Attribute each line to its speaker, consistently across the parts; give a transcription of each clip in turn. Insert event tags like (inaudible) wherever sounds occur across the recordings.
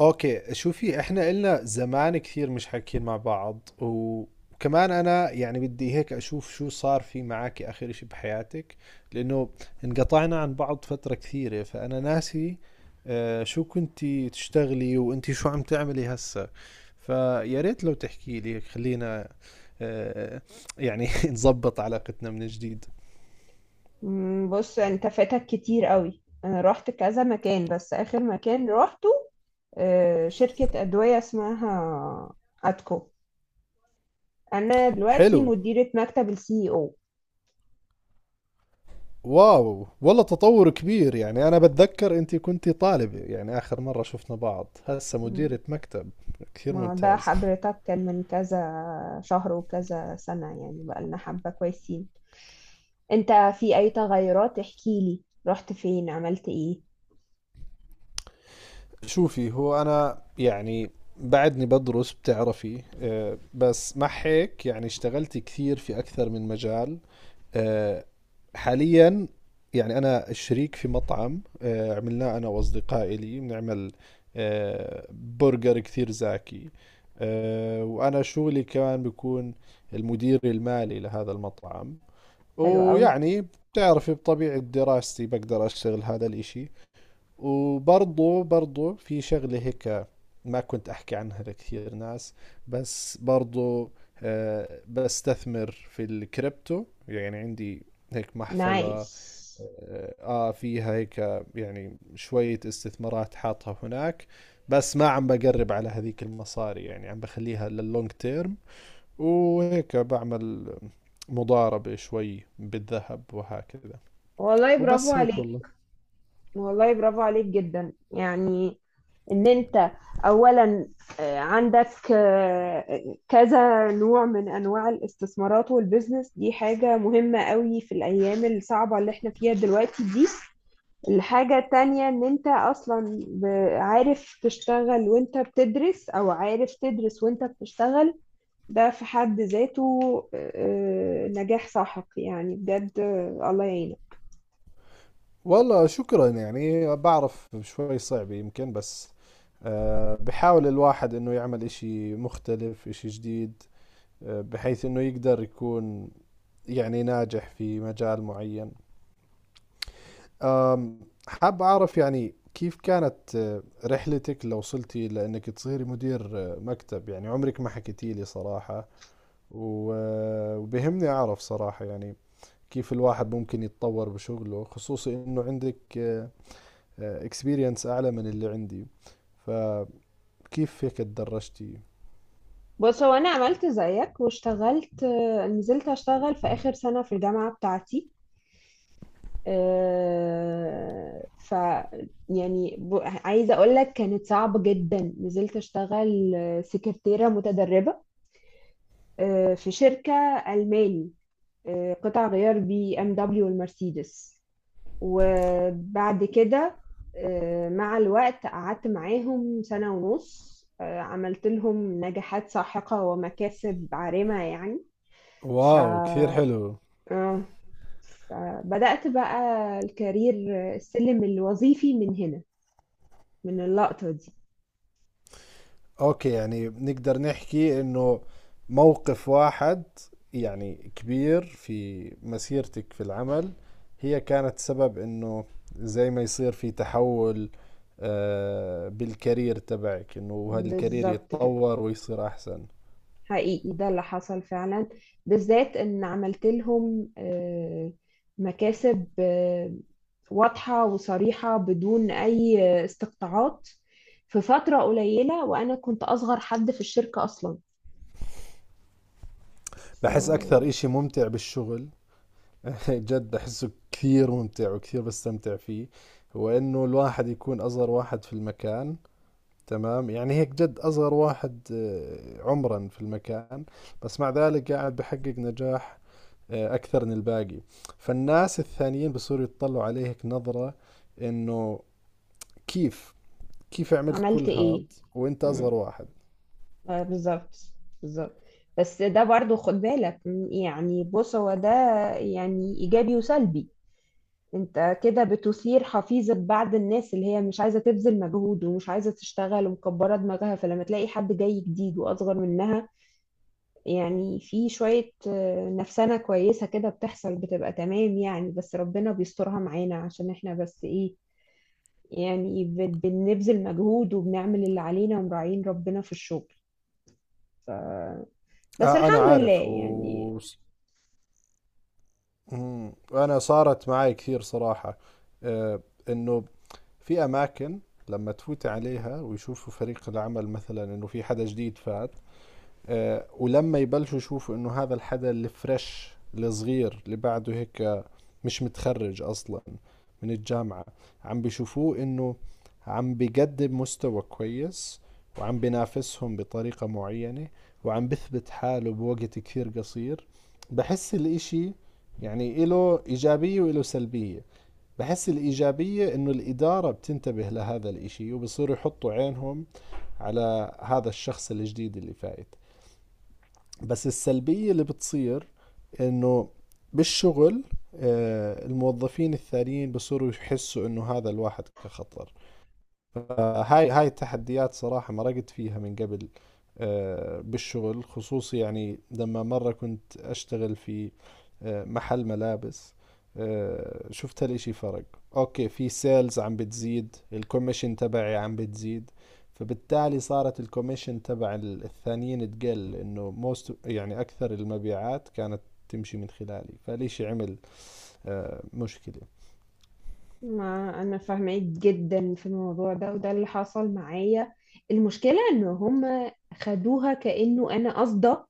Speaker 1: اوكي، شوفي، احنا إلنا زمان كثير مش حاكيين مع بعض، وكمان انا يعني بدي هيك اشوف شو صار في معك اخر اشي بحياتك، لانه انقطعنا عن بعض فترة كثيرة فانا ناسي. شو كنتي تشتغلي وانتي شو عم تعملي هسا؟ فيا ريت لو تحكي لي. خلينا آه، يعني (laughs) نظبط علاقتنا من جديد.
Speaker 2: بص انت فاتك كتير قوي. انا رحت كذا مكان، بس اخر مكان روحته شركة ادوية اسمها اتكو. انا دلوقتي
Speaker 1: حلو.
Speaker 2: مديرة مكتب السي او.
Speaker 1: واو، والله تطور كبير. يعني أنا بتذكر أنت كنت طالبة، يعني آخر مرة شفنا بعض، هسه مديرة مكتب. كثير
Speaker 2: ما ده
Speaker 1: ممتاز.
Speaker 2: حضرتك كان من كذا شهر وكذا سنة. يعني بقالنا حبة كويسين. انت، في اي تغيرات؟ احكيلي، رحت فين؟ عملت ايه؟
Speaker 1: شوفي، هو أنا يعني بعدني بدرس بتعرفي، بس مع هيك يعني اشتغلت كثير في أكثر من مجال. آه، حاليا يعني انا شريك في مطعم عملناه انا واصدقائي، لي بنعمل برجر كثير زاكي. وانا شغلي كمان بكون المدير المالي لهذا المطعم.
Speaker 2: حلو قوي.
Speaker 1: ويعني بتعرفي بطبيعة دراستي بقدر أشتغل هذا الإشي. وبرضه في شغلة هيك ما كنت أحكي عنها لكثير ناس، بس برضو بستثمر في الكريبتو. يعني عندي هيك محفظة،
Speaker 2: نايس.
Speaker 1: فيها هيك يعني شوية استثمارات حاطها هناك. بس ما عم بقرب على هذيك المصاري، يعني عم بخليها لللونج تيرم. وهيك بعمل مضاربة شوي بالذهب وهكذا.
Speaker 2: والله برافو
Speaker 1: وبس هيك
Speaker 2: عليك.
Speaker 1: والله.
Speaker 2: والله برافو عليك جدا يعني، ان انت اولا، عندك كذا نوع من انواع الاستثمارات والبزنس، دي حاجة مهمة قوي في الايام الصعبة اللي احنا فيها دلوقتي دي. الحاجة التانية ان انت اصلا عارف تشتغل وانت بتدرس، او عارف تدرس وانت بتشتغل. ده في حد ذاته آه، نجاح ساحق يعني بجد. الله يعينك.
Speaker 1: والله شكرا. يعني بعرف شوي صعب يمكن، بس بحاول الواحد انه يعمل اشي مختلف اشي جديد، بحيث انه يقدر يكون يعني ناجح في مجال معين. آم، حاب اعرف يعني كيف كانت رحلتك لو وصلتي لانك تصيري مدير مكتب. يعني عمرك ما حكيتي لي صراحة. وبهمني اعرف صراحة يعني كيف الواحد ممكن يتطور بشغله، خصوصي انه عندك اكسبيرينس اعلى من اللي عندي. فكيف هيك تدرجتي؟
Speaker 2: بص، هو انا عملت زيك واشتغلت، نزلت اشتغل في اخر سنة في الجامعة بتاعتي. آه، ف يعني عايزة اقول لك كانت صعبة جدا. نزلت اشتغل سكرتيرة متدربة في شركة ألماني، قطع غيار BMW والمرسيدس. وبعد كده، مع الوقت قعدت معاهم سنة ونص. عملت لهم نجاحات ساحقة ومكاسب عارمة يعني. ف
Speaker 1: واو، كثير حلو.
Speaker 2: آه. فبدأت بقى الكارير، السلم الوظيفي، من هنا، من اللقطة دي.
Speaker 1: اوكي، يعني نقدر نحكي انه موقف واحد يعني كبير في مسيرتك في العمل، هي كانت سبب انه زي ما يصير في تحول بالكارير تبعك، انه هذا الكارير
Speaker 2: بالظبط كده،
Speaker 1: يتطور ويصير احسن.
Speaker 2: حقيقي ده اللي حصل فعلا، بالذات ان عملت لهم مكاسب واضحة وصريحة بدون اي استقطاعات في فترة قليلة. وانا كنت اصغر حد في الشركة اصلا.
Speaker 1: بحس اكثر اشي ممتع بالشغل (laughs) جد أحسه كثير ممتع وكثير بستمتع فيه، هو إنه الواحد يكون أصغر واحد في المكان. تمام، يعني هيك جد أصغر واحد عمرا في المكان، بس مع ذلك قاعد بحقق نجاح أكثر من الباقي. فالناس الثانيين بصيروا يتطلعوا عليه هيك نظرة، إنه كيف كيف عملت
Speaker 2: فعملت
Speaker 1: كل هاد
Speaker 2: ايه؟
Speaker 1: وأنت أصغر واحد؟
Speaker 2: بالظبط، بالظبط. بس ده برضو خد بالك، يعني بص هو ده يعني إيجابي وسلبي. انت كده بتثير حفيظة بعض الناس اللي هي مش عايزة تبذل مجهود ومش عايزة تشتغل ومكبرة دماغها. فلما تلاقي حد جاي جديد وأصغر منها، يعني في شوية نفسنة كويسة كده بتحصل، بتبقى تمام يعني. بس ربنا بيسترها معانا، عشان احنا بس ايه، يعني بنبذل مجهود وبنعمل اللي علينا ومراعين ربنا في الشغل. ف... بس
Speaker 1: أنا
Speaker 2: الحمد لله
Speaker 1: عارف
Speaker 2: يعني.
Speaker 1: و... مم. وأنا صارت معي كثير صراحة. آه، انه في أماكن لما تفوت عليها ويشوفوا فريق العمل مثلا إنه في حدا جديد فات، ولما يبلشوا يشوفوا إنه هذا الحدا الفريش الصغير اللي بعده هيك، مش متخرج أصلا من الجامعة، عم بيشوفوه إنه عم بيقدم مستوى كويس، وعم بينافسهم بطريقة معينة، وعم بثبت حاله بوقت كثير قصير. بحس الإشي يعني إله إيجابية وإله سلبية. بحس الإيجابية إنه الإدارة بتنتبه لهذا الإشي وبصيروا يحطوا عينهم على هذا الشخص الجديد اللي فايت. بس السلبية اللي بتصير إنه بالشغل الموظفين الثانيين بصيروا يحسوا إنه هذا الواحد كخطر. فهاي التحديات صراحة مرقت فيها من قبل بالشغل خصوصي. يعني لما مرة كنت أشتغل في محل ملابس، شفت الاشي فرق. اوكي، في سيلز عم بتزيد، الكوميشن تبعي عم بتزيد، فبالتالي صارت الكوميشن تبع الثانيين تقل، انه موست يعني اكثر المبيعات كانت تمشي من خلالي، فالاشي عمل مشكلة.
Speaker 2: ما انا فاهمه جدا في الموضوع ده، وده اللي حصل معايا. المشكله ان هم خدوها كانه انا قصده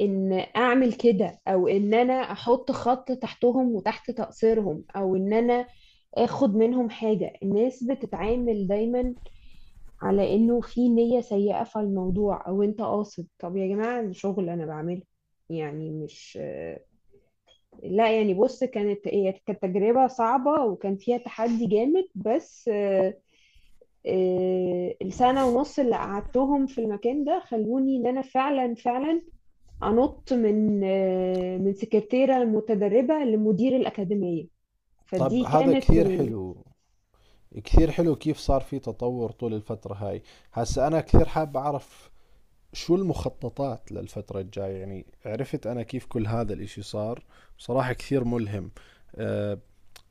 Speaker 2: ان اعمل كده، او ان انا احط خط تحتهم وتحت تقصيرهم، او ان انا اخد منهم حاجه. الناس بتتعامل دايما على انه في نيه سيئه في الموضوع، او انت قاصد. طب يا جماعه، شغل انا بعمله يعني، مش، لا يعني. بص، هي كانت تجربة صعبة وكان فيها تحدي جامد. بس السنة ونص اللي قعدتهم في المكان ده خلوني ان انا فعلا فعلا انط من من سكرتيرة متدربة لمدير الأكاديمية.
Speaker 1: طب
Speaker 2: فدي
Speaker 1: هذا
Speaker 2: كانت
Speaker 1: كثير حلو، كثير حلو. كيف صار في تطور طول الفترة هاي؟ هسا أنا كثير حاب أعرف شو المخططات للفترة الجاية. يعني عرفت أنا كيف كل هذا الإشي صار، بصراحة كثير ملهم. أه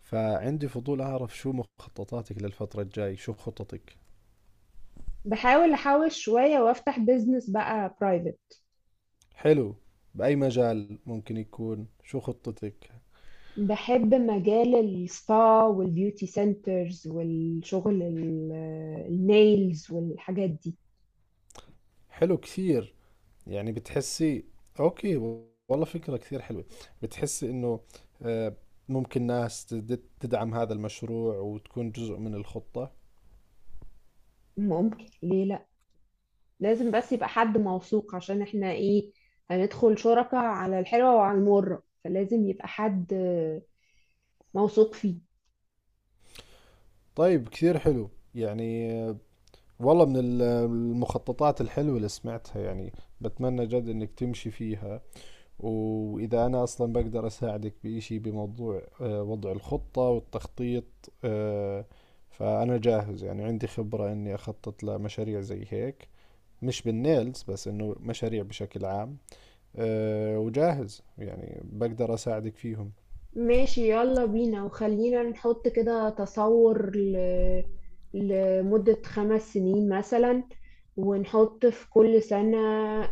Speaker 1: فعندي فضول أعرف شو مخططاتك للفترة الجاي، شو خططك؟
Speaker 2: بحاول احوش شوية وافتح بيزنس بقى برايفت.
Speaker 1: حلو. بأي مجال ممكن يكون؟ شو خطتك؟
Speaker 2: بحب مجال السبا والبيوتي سنترز والشغل النيلز والحاجات دي.
Speaker 1: حلو كثير. يعني بتحسي؟ اوكي، والله فكرة كثير حلوة. بتحسي انه آه، ممكن ناس تدعم هذا المشروع وتكون جزء من الخطة؟
Speaker 2: ممكن، ليه لا. لازم بس يبقى حد موثوق، عشان احنا ايه، هندخل شركة على الحلوة وعلى المرة، فلازم يبقى حد موثوق فيه.
Speaker 1: طيب كثير حلو. يعني والله من المخططات الحلوة اللي سمعتها، يعني بتمنى جد انك تمشي فيها. واذا انا اصلا بقدر اساعدك بإشي بموضوع وضع الخطة والتخطيط، آه، فانا جاهز. يعني عندي خبرة اني اخطط لمشاريع زي هيك، مش بالنيلز بس، انه مشاريع بشكل عام. وجاهز يعني بقدر اساعدك فيهم.
Speaker 2: ماشي، يلا بينا. وخلينا نحط كده تصور لمدة 5 سنين مثلا، ونحط في كل سنة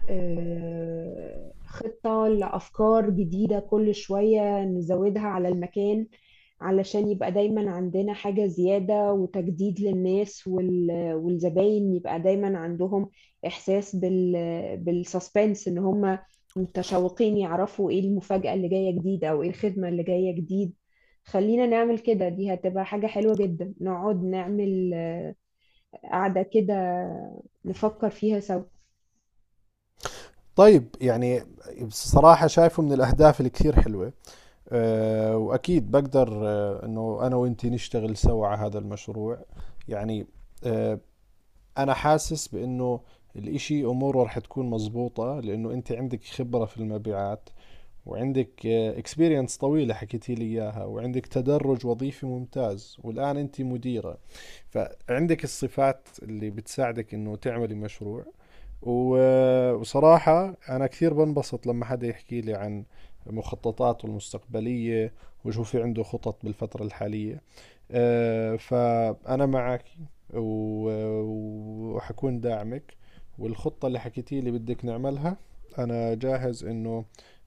Speaker 2: خطة لأفكار جديدة كل شوية نزودها على المكان، علشان يبقى دايما عندنا حاجة زيادة وتجديد للناس، والزباين يبقى دايما عندهم إحساس بالسسبنس، إن هم متشوقين يعرفوا إيه المفاجأة اللي جاية جديد أو إيه الخدمة اللي جاية جديد. خلينا نعمل كده، دي هتبقى حاجة حلوة جدا. نقعد نعمل قعدة كده، نفكر فيها سوا.
Speaker 1: طيب يعني بصراحة شايفه من الأهداف الكثير حلوة. وأكيد بقدر إنه أنا وإنتي نشتغل سوا على هذا المشروع. يعني أه أنا حاسس بإنه الإشي أموره رح تكون مزبوطة، لأنه أنت عندك خبرة في المبيعات، وعندك اكسبيرينس طويلة حكيتي لي إياها، وعندك تدرج وظيفي ممتاز، والآن أنت مديرة. فعندك الصفات اللي بتساعدك انه تعملي مشروع. وصراحة انا كثير بنبسط لما حدا يحكي لي عن مخططاته المستقبلية وشو في عنده خطط بالفترة الحالية. فأنا معك وحكون داعمك. والخطة اللي حكيتي لي بدك نعملها أنا جاهز إنه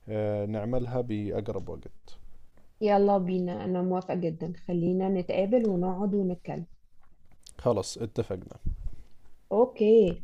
Speaker 1: نعملها بأقرب وقت.
Speaker 2: يلا بينا، أنا موافقة جدا. خلينا نتقابل ونقعد ونتكلم.
Speaker 1: خلص اتفقنا.
Speaker 2: أوكي.